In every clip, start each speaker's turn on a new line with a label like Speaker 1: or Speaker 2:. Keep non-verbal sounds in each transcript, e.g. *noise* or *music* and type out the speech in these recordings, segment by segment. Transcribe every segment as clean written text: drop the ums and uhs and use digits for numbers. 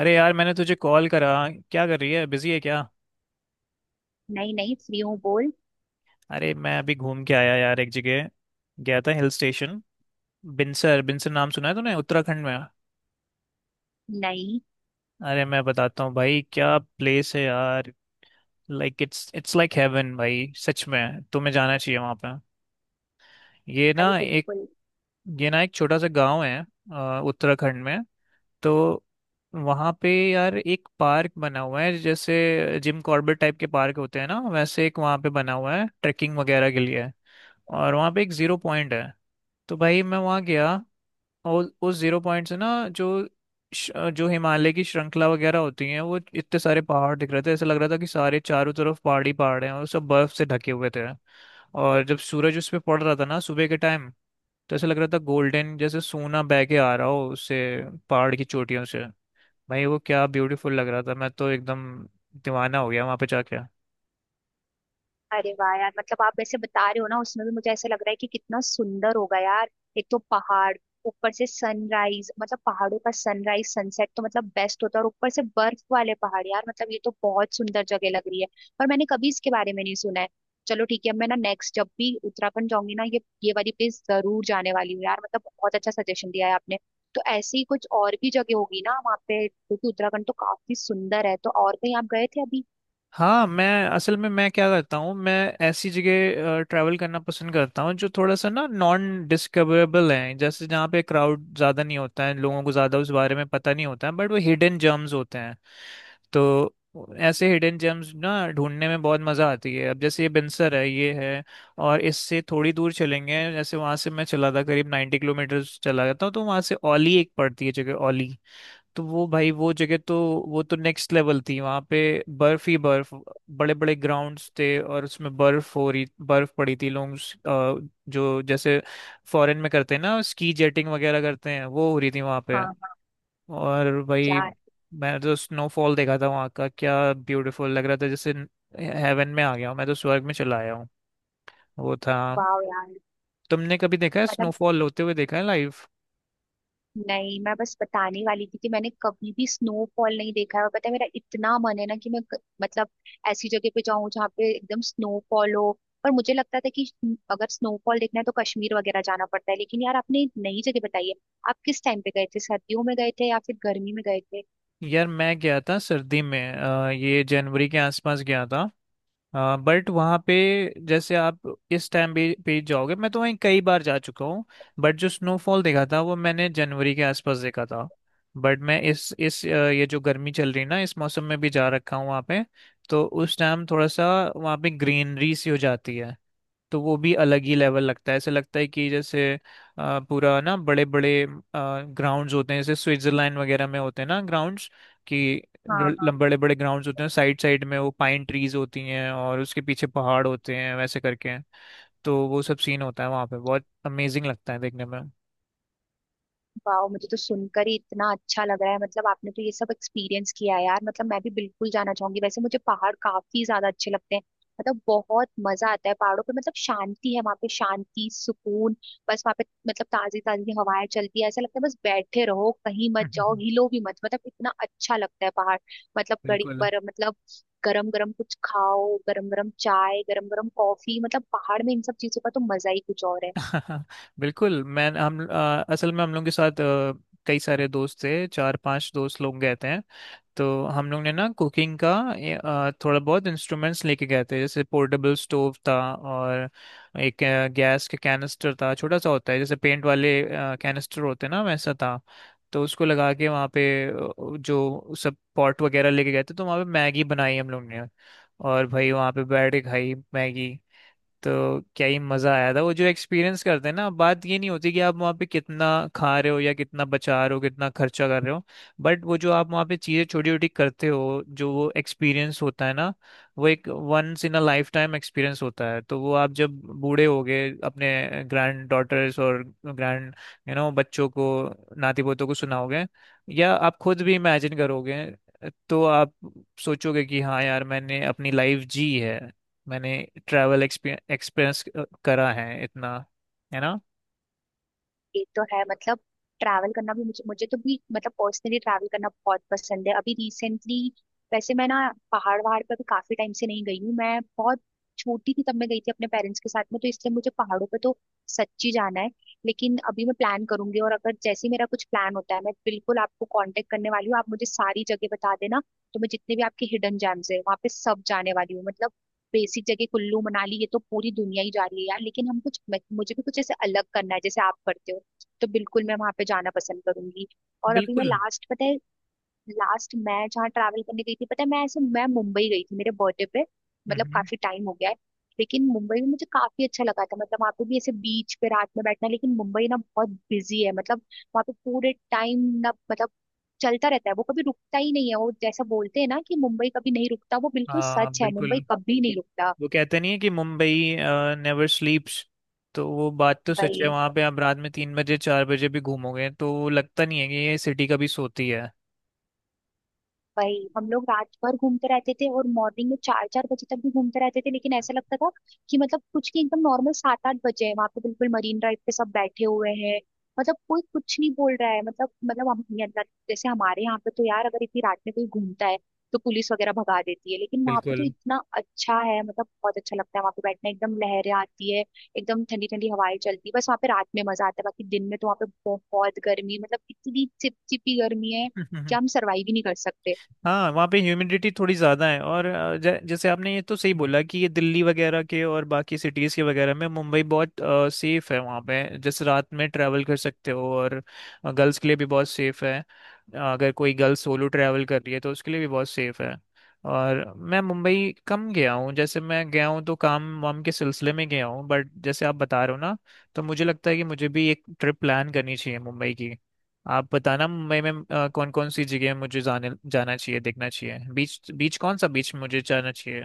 Speaker 1: अरे यार मैंने तुझे कॉल करा। क्या कर रही है, बिजी है क्या?
Speaker 2: नहीं नहीं, फ्री हूँ। बोल।
Speaker 1: अरे मैं अभी घूम के आया यार एक जगह, गया था हिल स्टेशन। बिनसर, बिनसर नाम सुना है तूने, उत्तराखंड में?
Speaker 2: नहीं।
Speaker 1: अरे मैं बताता हूँ भाई क्या प्लेस है यार। Like it's it's like heaven भाई, सच में तुम्हें जाना चाहिए वहाँ पे। ये
Speaker 2: अरे
Speaker 1: ना एक
Speaker 2: बिल्कुल।
Speaker 1: ये ना एक छोटा सा गांव है, उत्तराखंड में। तो वहाँ पे यार एक पार्क बना हुआ है, जैसे जिम कॉर्बेट टाइप के पार्क होते हैं ना, वैसे एक वहाँ पे बना हुआ है ट्रैकिंग वगैरह के लिए। और वहाँ पे एक ज़ीरो पॉइंट है। तो भाई मैं वहाँ गया और उस ज़ीरो पॉइंट से ना जो जो हिमालय की श्रृंखला वगैरह होती हैं, वो इतने सारे पहाड़ दिख रहे थे। ऐसा लग रहा था कि सारे चारों तरफ पहाड़ ही पहाड़ हैं और सब बर्फ से ढके हुए थे। और जब सूरज उस पे पड़ रहा था ना सुबह के टाइम, तो ऐसा लग रहा था गोल्डन, जैसे सोना बह के आ रहा हो उससे, पहाड़ की चोटियों से। भाई वो क्या ब्यूटीफुल लग रहा था, मैं तो एकदम दीवाना हो गया वहां पे जाके।
Speaker 2: अरे वाह यार, मतलब आप ऐसे बता रहे हो ना, उसमें भी मुझे ऐसा लग रहा है कि कितना सुंदर होगा यार। एक तो पहाड़, ऊपर से सनराइज, मतलब पहाड़ों का सनराइज सनसेट तो मतलब बेस्ट होता है, और ऊपर से बर्फ वाले पहाड़, यार मतलब ये तो बहुत सुंदर जगह लग रही है। पर मैंने कभी इसके बारे में नहीं सुना है। चलो ठीक है, अब मैं ना नेक्स्ट जब भी उत्तराखंड जाऊंगी ना, ये वाली प्लेस जरूर जाने वाली हूँ यार। मतलब बहुत अच्छा सजेशन दिया है आपने। तो ऐसी ही कुछ और भी जगह होगी ना वहाँ पे, क्योंकि उत्तराखंड तो काफी सुंदर है। तो और कहीं आप गए थे अभी?
Speaker 1: हाँ, मैं असल में मैं क्या करता हूँ, मैं ऐसी जगह ट्रैवल करना पसंद करता हूँ जो थोड़ा सा ना नॉन डिस्कवरेबल है, जैसे जहाँ पे क्राउड ज़्यादा नहीं होता है, लोगों को ज़्यादा उस बारे में पता नहीं होता है, बट वो हिडन जेम्स होते हैं। तो ऐसे हिडन जेम्स ना ढूंढने में बहुत मज़ा आती है। अब जैसे ये बिनसर है ये है, और इससे थोड़ी दूर चलेंगे, जैसे वहाँ से मैं चला था करीब 90 किलोमीटर, चला जाता हूँ तो वहाँ से ओली एक पड़ती है जगह, ओली। तो वो भाई वो जगह तो, वो तो नेक्स्ट लेवल थी। वहां पे बर्फ ही बर्फ, बड़े बड़े ग्राउंड्स थे और उसमें बर्फ हो रही, बर्फ पड़ी थी। लोग जो जैसे फॉरेन में करते हैं ना, स्की जेटिंग वगैरह करते हैं, वो हो रही थी वहां पे।
Speaker 2: हाँ हाँ।
Speaker 1: और भाई
Speaker 2: क्या?
Speaker 1: मैंने तो स्नोफॉल देखा था वहां का, क्या ब्यूटीफुल लग रहा था। जैसे हेवन में आ गया हूँ, मैं तो स्वर्ग में चला आया हूँ, वो था।
Speaker 2: वाह यार
Speaker 1: तुमने कभी देखा है
Speaker 2: मतलब।
Speaker 1: स्नोफॉल होते हुए, देखा है लाइव?
Speaker 2: नहीं, मैं बस बताने वाली थी कि मैंने कभी भी स्नोफॉल नहीं देखा है, और पता है मेरा इतना मन है ना कि मैं मतलब ऐसी जगह पे जाऊं जहाँ पे एकदम स्नोफॉल हो। पर मुझे लगता था कि अगर स्नोफॉल देखना है तो कश्मीर वगैरह जाना पड़ता है, लेकिन यार आपने एक नई जगह बताई है। आप किस टाइम पे गए थे? सर्दियों में गए थे या फिर गर्मी में गए थे?
Speaker 1: यार मैं गया था सर्दी में, ये जनवरी के आसपास गया था। हाँ, बट वहाँ पे जैसे आप इस टाइम भी पे जाओगे, मैं तो वहीं कई बार जा चुका हूँ, बट जो स्नोफॉल देखा था वो मैंने जनवरी के आसपास देखा था। बट मैं ये जो गर्मी चल रही है ना, इस मौसम में भी जा रखा हूँ वहाँ पे। तो उस टाइम थोड़ा सा वहाँ पे ग्रीनरी सी हो जाती है, तो वो भी अलग ही लेवल लगता है। ऐसे लगता है कि जैसे, पूरा ना बड़े बड़े ग्राउंड्स होते हैं जैसे स्विट्जरलैंड वगैरह में होते हैं ना ग्राउंड्स, कि
Speaker 2: हाँ हाँ।
Speaker 1: बड़े बड़े ग्राउंड्स होते हैं साइड साइड में, वो पाइन ट्रीज होती हैं और उसके पीछे पहाड़ होते हैं वैसे करके। तो वो सब सीन होता है वहाँ पे, बहुत अमेजिंग लगता है देखने में।
Speaker 2: वाह, मुझे तो सुनकर ही इतना अच्छा लग रहा है। मतलब आपने तो ये सब एक्सपीरियंस किया है यार। मतलब मैं भी बिल्कुल जाना चाहूंगी, वैसे मुझे पहाड़ काफी ज्यादा अच्छे लगते हैं। मतलब बहुत मजा आता है पहाड़ों पे, मतलब शांति है वहाँ पे, शांति सुकून। बस वहाँ पे मतलब ताजी ताजी हवाएं चलती है, ऐसा लगता है बस बैठे रहो कहीं मत जाओ,
Speaker 1: हम्म,
Speaker 2: हिलो भी मत, मतलब इतना अच्छा लगता है पहाड़। मतलब घड़ी
Speaker 1: बिल्कुल।
Speaker 2: पर मतलब गरम गरम कुछ खाओ, गरम गरम चाय, गरम गरम कॉफी, मतलब पहाड़ में इन सब चीजों का तो मजा ही कुछ और है।
Speaker 1: *laughs* बिल्कुल। असल में हम लोग के साथ, कई सारे दोस्त थे, चार पांच दोस्त लोग गए थे। तो हम लोग ने ना कुकिंग का, थोड़ा बहुत इंस्ट्रूमेंट्स लेके गए थे, जैसे पोर्टेबल स्टोव था और एक गैस का कैनिस्टर था, छोटा सा होता है जैसे पेंट वाले कैनिस्टर होते हैं ना, वैसा था। तो उसको लगा के वहाँ पे, जो सब पॉट वगैरह लेके गए थे, तो वहाँ पे मैगी बनाई हम लोग ने, और भाई वहाँ पे बैठ के खाई मैगी। तो क्या ही मज़ा आया था। वो जो एक्सपीरियंस करते हैं ना, बात ये नहीं होती कि आप वहाँ पे कितना खा रहे हो या कितना बचा रहे हो, कितना खर्चा कर रहे हो, बट वो जो आप वहाँ पे चीज़ें छोटी छोटी करते हो, जो वो एक्सपीरियंस होता है ना, वो एक once in a lifetime experience होता है। तो वो आप जब बूढ़े हो गए, अपने ग्रैंड डॉटर्स और ग्रैंड, बच्चों को, नाती पोतों को सुनाओगे, या आप खुद भी इमेजिन करोगे, तो आप सोचोगे कि हाँ यार मैंने अपनी लाइफ जी है, मैंने ट्रैवल एक्सपीरियंस करा है इतना, है ना।
Speaker 2: एक तो है मतलब ट्रैवल करना भी मुझे मुझे तो भी मतलब पर्सनली ट्रैवल करना बहुत पसंद है। अभी रिसेंटली, वैसे मैं ना पहाड़ वहाड़ पर भी काफी टाइम से नहीं गई हूँ। मैं बहुत छोटी थी तब मैं गई थी अपने पेरेंट्स के साथ में, तो इसलिए मुझे पहाड़ों पे तो सच्ची जाना है। लेकिन अभी मैं प्लान करूंगी, और अगर जैसे ही मेरा कुछ प्लान होता है, मैं बिल्कुल आपको कांटेक्ट करने वाली हूँ, आप मुझे सारी जगह बता देना। तो मैं जितने भी आपके हिडन जेम्स है वहाँ पे सब जाने वाली हूँ, मतलब बेसिक जगह कुल्लू मनाली ये तो पूरी दुनिया ही जा रही है यार, लेकिन हम कुछ मुझे भी कुछ ऐसे अलग करना है जैसे आप करते हो, तो बिल्कुल मैं वहां पे जाना पसंद करूंगी। और अभी मैं
Speaker 1: बिल्कुल।
Speaker 2: लास्ट पता है, लास्ट मैं जहाँ ट्रैवल करने गई थी पता है, मैं ऐसे मैं मुंबई गई थी मेरे बर्थडे पे। मतलब
Speaker 1: हम्म।
Speaker 2: काफी टाइम हो गया है। लेकिन मुंबई में मुझे काफी अच्छा लगा था, मतलब वहाँ पे भी ऐसे बीच पे रात में बैठना। लेकिन मुंबई ना बहुत बिजी है, मतलब वहाँ पे पूरे टाइम ना मतलब चलता रहता है, वो कभी रुकता ही नहीं है। वो जैसा बोलते हैं ना कि मुंबई कभी नहीं रुकता, वो बिल्कुल
Speaker 1: हाँ
Speaker 2: सच है,
Speaker 1: बिल्कुल।
Speaker 2: मुंबई कभी नहीं रुकता।
Speaker 1: वो कहते नहीं है कि मुंबई नेवर स्लीप्स। तो वो बात तो सच है,
Speaker 2: भाई
Speaker 1: वहाँ पे आप रात में तीन बजे चार बजे भी घूमोगे तो लगता नहीं है कि ये सिटी कभी सोती है।
Speaker 2: वही हम लोग रात भर घूमते रहते थे और मॉर्निंग में चार चार बजे तक भी घूमते रहते थे, लेकिन ऐसा लगता था कि मतलब कुछ नहीं, एकदम नॉर्मल सात आठ बजे हैं, वहां पे बिल्कुल मरीन ड्राइव पे सब बैठे हुए हैं। मतलब कोई कुछ नहीं बोल रहा है, मतलब मतलब हम ये जैसे हमारे यहाँ पे तो यार अगर इतनी रात में कोई घूमता है तो पुलिस वगैरह भगा देती है, लेकिन वहां पे तो
Speaker 1: बिल्कुल।
Speaker 2: इतना अच्छा है। मतलब बहुत अच्छा लगता है वहां पे बैठना, एकदम लहरें आती है, एकदम ठंडी ठंडी हवाएं चलती है। बस वहां पे रात में मजा आता है, बाकी दिन में तो वहां पे बहुत गर्मी, मतलब इतनी चिपचिपी गर्मी है कि हम
Speaker 1: *laughs*
Speaker 2: सर्वाइव ही नहीं कर सकते।
Speaker 1: हाँ, वहाँ पे ह्यूमिडिटी थोड़ी ज़्यादा है, और जैसे आपने ये तो सही बोला कि ये दिल्ली वगैरह के और बाकी सिटीज़ के वगैरह में मुंबई बहुत सेफ़ है। वहाँ पे जैसे रात में ट्रैवल कर सकते हो, और गर्ल्स के लिए भी बहुत सेफ़ है। अगर कोई गर्ल सोलो ट्रैवल कर रही है तो उसके लिए भी बहुत सेफ़ है। और मैं मुंबई कम गया हूँ, जैसे मैं गया हूँ तो काम वाम के सिलसिले में गया हूँ, बट जैसे आप बता रहे हो ना, तो मुझे लगता है कि मुझे भी एक ट्रिप प्लान करनी चाहिए मुंबई की। आप बताना मुंबई में कौन कौन सी जगह मुझे जाने जाना चाहिए, देखना चाहिए, बीच बीच कौन सा बीच मुझे जाना चाहिए।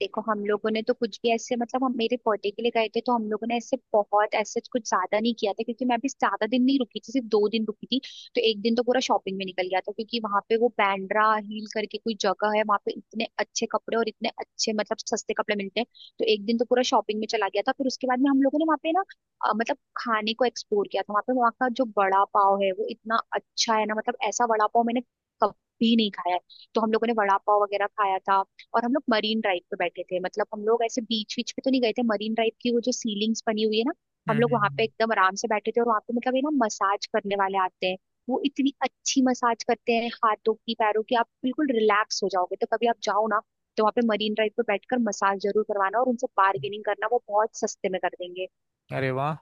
Speaker 2: देखो हम लोगों ने तो कुछ भी ऐसे मतलब हम मेरे बर्थडे के लिए गए थे, तो हम लोगों ने ऐसे बहुत ऐसे कुछ ज्यादा नहीं किया था, क्योंकि मैं भी ज्यादा दिन नहीं रुकी थी, सिर्फ दो दिन रुकी थी। तो एक दिन तो पूरा शॉपिंग में निकल गया था, क्योंकि वहां पे वो बैंड्रा हिल करके कोई जगह है, वहां पे इतने अच्छे कपड़े और इतने अच्छे मतलब सस्ते कपड़े मिलते हैं। तो एक दिन तो पूरा शॉपिंग में चला गया था, फिर उसके बाद में हम लोगों ने वहाँ पे ना मतलब खाने को एक्सप्लोर किया था वहाँ पे। वहाँ का जो वड़ा पाव है वो इतना अच्छा है ना, मतलब ऐसा वड़ा पाव मैंने कभी नहीं खाया है। तो हम लोगों ने वड़ा पाव वगैरह खाया था। और हम लोग मरीन ड्राइव पे बैठे थे, मतलब हम लोग ऐसे बीच बीच पे तो नहीं गए थे, मरीन ड्राइव की वो जो सीलिंग्स बनी हुई है ना,
Speaker 1: हम्म
Speaker 2: हम
Speaker 1: हम्म,
Speaker 2: लोग वहां पे
Speaker 1: हम्म।
Speaker 2: एकदम आराम से बैठे थे। और वहां पे मतलब ये ना मसाज करने वाले आते हैं, वो इतनी अच्छी मसाज करते हैं, हाथों की पैरों की, आप बिल्कुल रिलैक्स हो जाओगे। तो कभी आप जाओ ना, तो वहाँ पे मरीन ड्राइव पे बैठकर मसाज जरूर करवाना, और उनसे
Speaker 1: हम्म।
Speaker 2: बार्गेनिंग करना, वो बहुत सस्ते में कर देंगे।
Speaker 1: अरे वाह।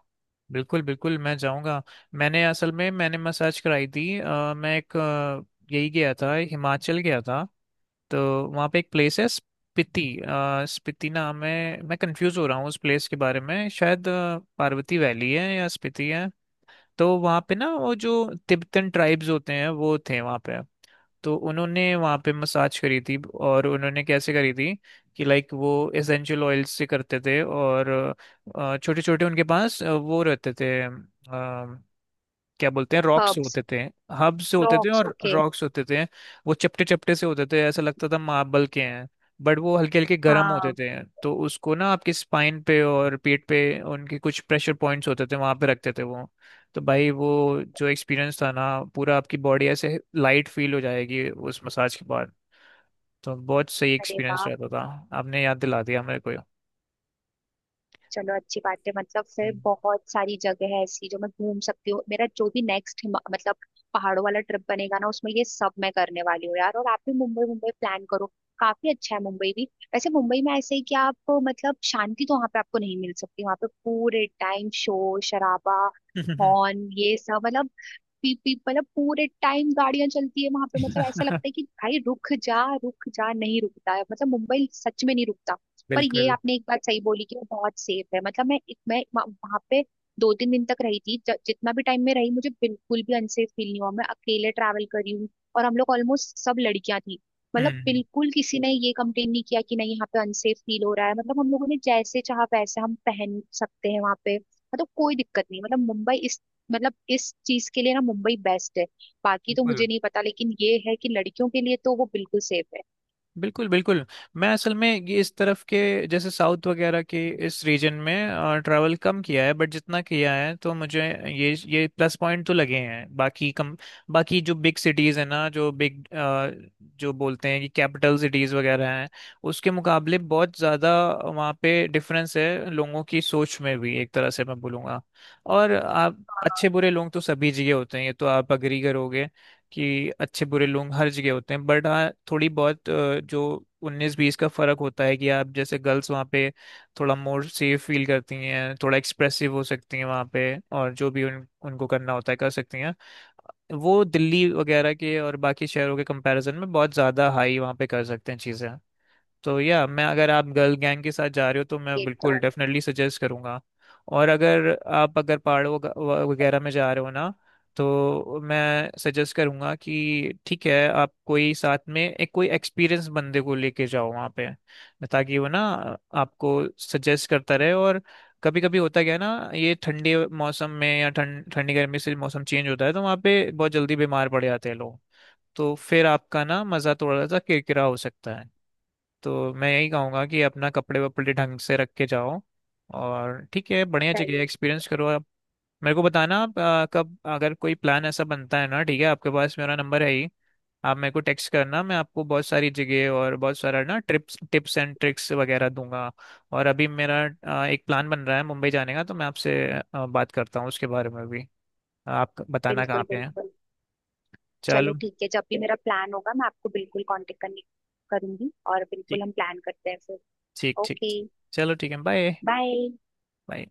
Speaker 1: बिल्कुल बिल्कुल, मैं जाऊंगा। मैंने असल में, मैंने मसाज कराई थी, यही गया था, हिमाचल गया था। तो वहाँ पे एक प्लेस है स्पीति, स्पीति नाम है। मैं कंफ्यूज हो रहा हूँ उस प्लेस के बारे में, शायद पार्वती वैली है या स्पीति है। तो वहाँ पे ना वो जो तिब्बतन ट्राइब्स होते हैं वो थे वहाँ पे। तो उन्होंने वहाँ पे मसाज करी थी। और उन्होंने कैसे करी थी कि लाइक वो एसेंशियल ऑयल्स से करते थे, और छोटे छोटे उनके पास, वो रहते थे, क्या बोलते हैं, रॉक्स
Speaker 2: हर्ब्स।
Speaker 1: होते थे। हब से होते थे
Speaker 2: ड्रॉप्स।
Speaker 1: और
Speaker 2: ओके।
Speaker 1: रॉक्स होते थे। वो चपटे चपटे से होते थे, ऐसा लगता था मार्बल के हैं, बट वो हल्के हल्के गर्म होते
Speaker 2: हाँ।
Speaker 1: थे। तो उसको ना आपके स्पाइन पे और पीठ पे, उनके कुछ प्रेशर पॉइंट्स होते थे वहां पे रखते थे वो। तो भाई वो जो एक्सपीरियंस था ना, पूरा आपकी बॉडी ऐसे लाइट फील हो जाएगी उस मसाज के बाद। तो बहुत सही
Speaker 2: अरे
Speaker 1: एक्सपीरियंस
Speaker 2: वाह।
Speaker 1: रहता था। आपने याद दिला दिया मेरे को।
Speaker 2: चलो अच्छी बात है, मतलब फिर बहुत सारी जगह है ऐसी जो मैं घूम सकती हूँ। मेरा जो भी नेक्स्ट मतलब पहाड़ों वाला ट्रिप बनेगा ना, उसमें ये सब मैं करने वाली हूँ यार। और आप भी मुंबई मुंबई प्लान करो, काफी अच्छा है मुंबई भी। वैसे मुंबई में ऐसे ही कि आप मतलब शांति तो वहां पे आपको नहीं मिल सकती, वहां पे पूरे टाइम शोर शराबा,
Speaker 1: हम्म।
Speaker 2: हॉर्न, ये सब, मतलब पीप पीप, मतलब पूरे टाइम गाड़ियां चलती है वहां पे। मतलब ऐसा लगता है
Speaker 1: *laughs*
Speaker 2: कि भाई रुक जा रुक जा, नहीं रुकता है, मतलब मुंबई सच में नहीं रुकता। पर ये
Speaker 1: बिल्कुल।
Speaker 2: आपने एक बात सही बोली कि वो बहुत सेफ है। मतलब मैं वहां पे दो तीन दिन तक रही थी, जितना भी टाइम में रही मुझे बिल्कुल भी अनसेफ फील नहीं हुआ। मैं अकेले ट्रैवल कर रही हूँ और हम लोग ऑलमोस्ट सब लड़कियां थी, मतलब
Speaker 1: हम्म।
Speaker 2: बिल्कुल किसी ने ये कंप्लेन नहीं किया कि नहीं यहाँ पे अनसेफ फील हो रहा है। मतलब हम लोगों ने जैसे चाहा वैसे हम पहन सकते हैं वहां पे। मतलब कोई दिक्कत नहीं, मतलब मुंबई मतलब इस चीज के लिए ना मुंबई बेस्ट है। बाकी तो
Speaker 1: बिल्कुल,
Speaker 2: मुझे नहीं पता, लेकिन ये है कि लड़कियों के लिए तो वो बिल्कुल सेफ है।
Speaker 1: बिल्कुल, बिल्कुल। मैं असल में ये, इस तरफ के, जैसे साउथ वगैरह के इस रीजन में ट्रैवल कम किया है, बट जितना किया है तो मुझे ये प्लस पॉइंट तो लगे हैं, बाकी कम। बाकी जो बिग सिटीज़ है ना, जो बिग, जो बोलते हैं कि कैपिटल सिटीज़ वगैरह हैं, उसके मुकाबले बहुत ज़्यादा वहाँ पे डिफरेंस है, लोगों की सोच में भी, एक तरह से मैं बोलूँगा। और आप, अच्छे बुरे लोग तो सभी जगह होते हैं, ये तो आप अग्री करोगे कि अच्छे बुरे लोग हर जगह होते हैं, बट हाँ थोड़ी बहुत, जो उन्नीस बीस का फर्क होता है, कि आप जैसे गर्ल्स वहाँ पे थोड़ा मोर सेफ फील करती हैं, थोड़ा एक्सप्रेसिव हो सकती हैं वहाँ पे, और जो भी उन उनको करना होता है कर सकती हैं। वो दिल्ली वगैरह के और बाकी शहरों के कंपैरिजन में बहुत ज़्यादा हाई वहाँ पे कर सकते हैं चीज़ें। तो या मैं, अगर आप गर्ल गैंग के साथ जा रहे हो, तो मैं
Speaker 2: ये तो
Speaker 1: बिल्कुल
Speaker 2: है।
Speaker 1: डेफिनेटली सजेस्ट करूंगा। और अगर आप अगर पहाड़ों वगैरह में जा रहे हो ना, तो मैं सजेस्ट करूंगा कि ठीक है, आप कोई साथ में एक कोई एक्सपीरियंस बंदे को लेके जाओ वहाँ पे, ताकि वो ना आपको सजेस्ट करता रहे। और कभी कभी होता क्या है ना, ये ठंडे मौसम में या ठंड ठंडी गर्मी से मौसम चेंज होता है, तो वहाँ पे बहुत जल्दी बीमार पड़ जाते हैं लोग। तो फिर आपका ना मज़ा थोड़ा सा किरकिरा हो सकता है। तो मैं यही कहूँगा कि अपना कपड़े वपड़े ढंग से रख के जाओ, और ठीक है, बढ़िया जगह
Speaker 2: सही
Speaker 1: है,
Speaker 2: है।
Speaker 1: एक्सपीरियंस करो आप। मेरे को बताना आप, कब अगर कोई प्लान ऐसा बनता है ना। ठीक है आपके पास मेरा नंबर है ही, आप मेरे को टेक्स्ट करना, मैं आपको बहुत सारी जगह और बहुत सारा ना ट्रिप्स टिप्स एंड ट्रिक्स वगैरह दूंगा। और अभी मेरा, एक प्लान बन रहा है मुंबई जाने का, तो मैं आपसे बात करता हूँ उसके बारे में भी। आप बताना कहाँ
Speaker 2: बिल्कुल
Speaker 1: पे हैं।
Speaker 2: बिल्कुल।
Speaker 1: चलो।
Speaker 2: चलो ठीक है, जब भी मेरा प्लान होगा मैं आपको बिल्कुल कांटेक्ट करने करूंगी, और
Speaker 1: ठीक,
Speaker 2: बिल्कुल हम प्लान करते हैं फिर।
Speaker 1: ठीक, ठीक।
Speaker 2: ओके।
Speaker 1: चलो ठीक है, बाय।
Speaker 2: बाय।
Speaker 1: बाय।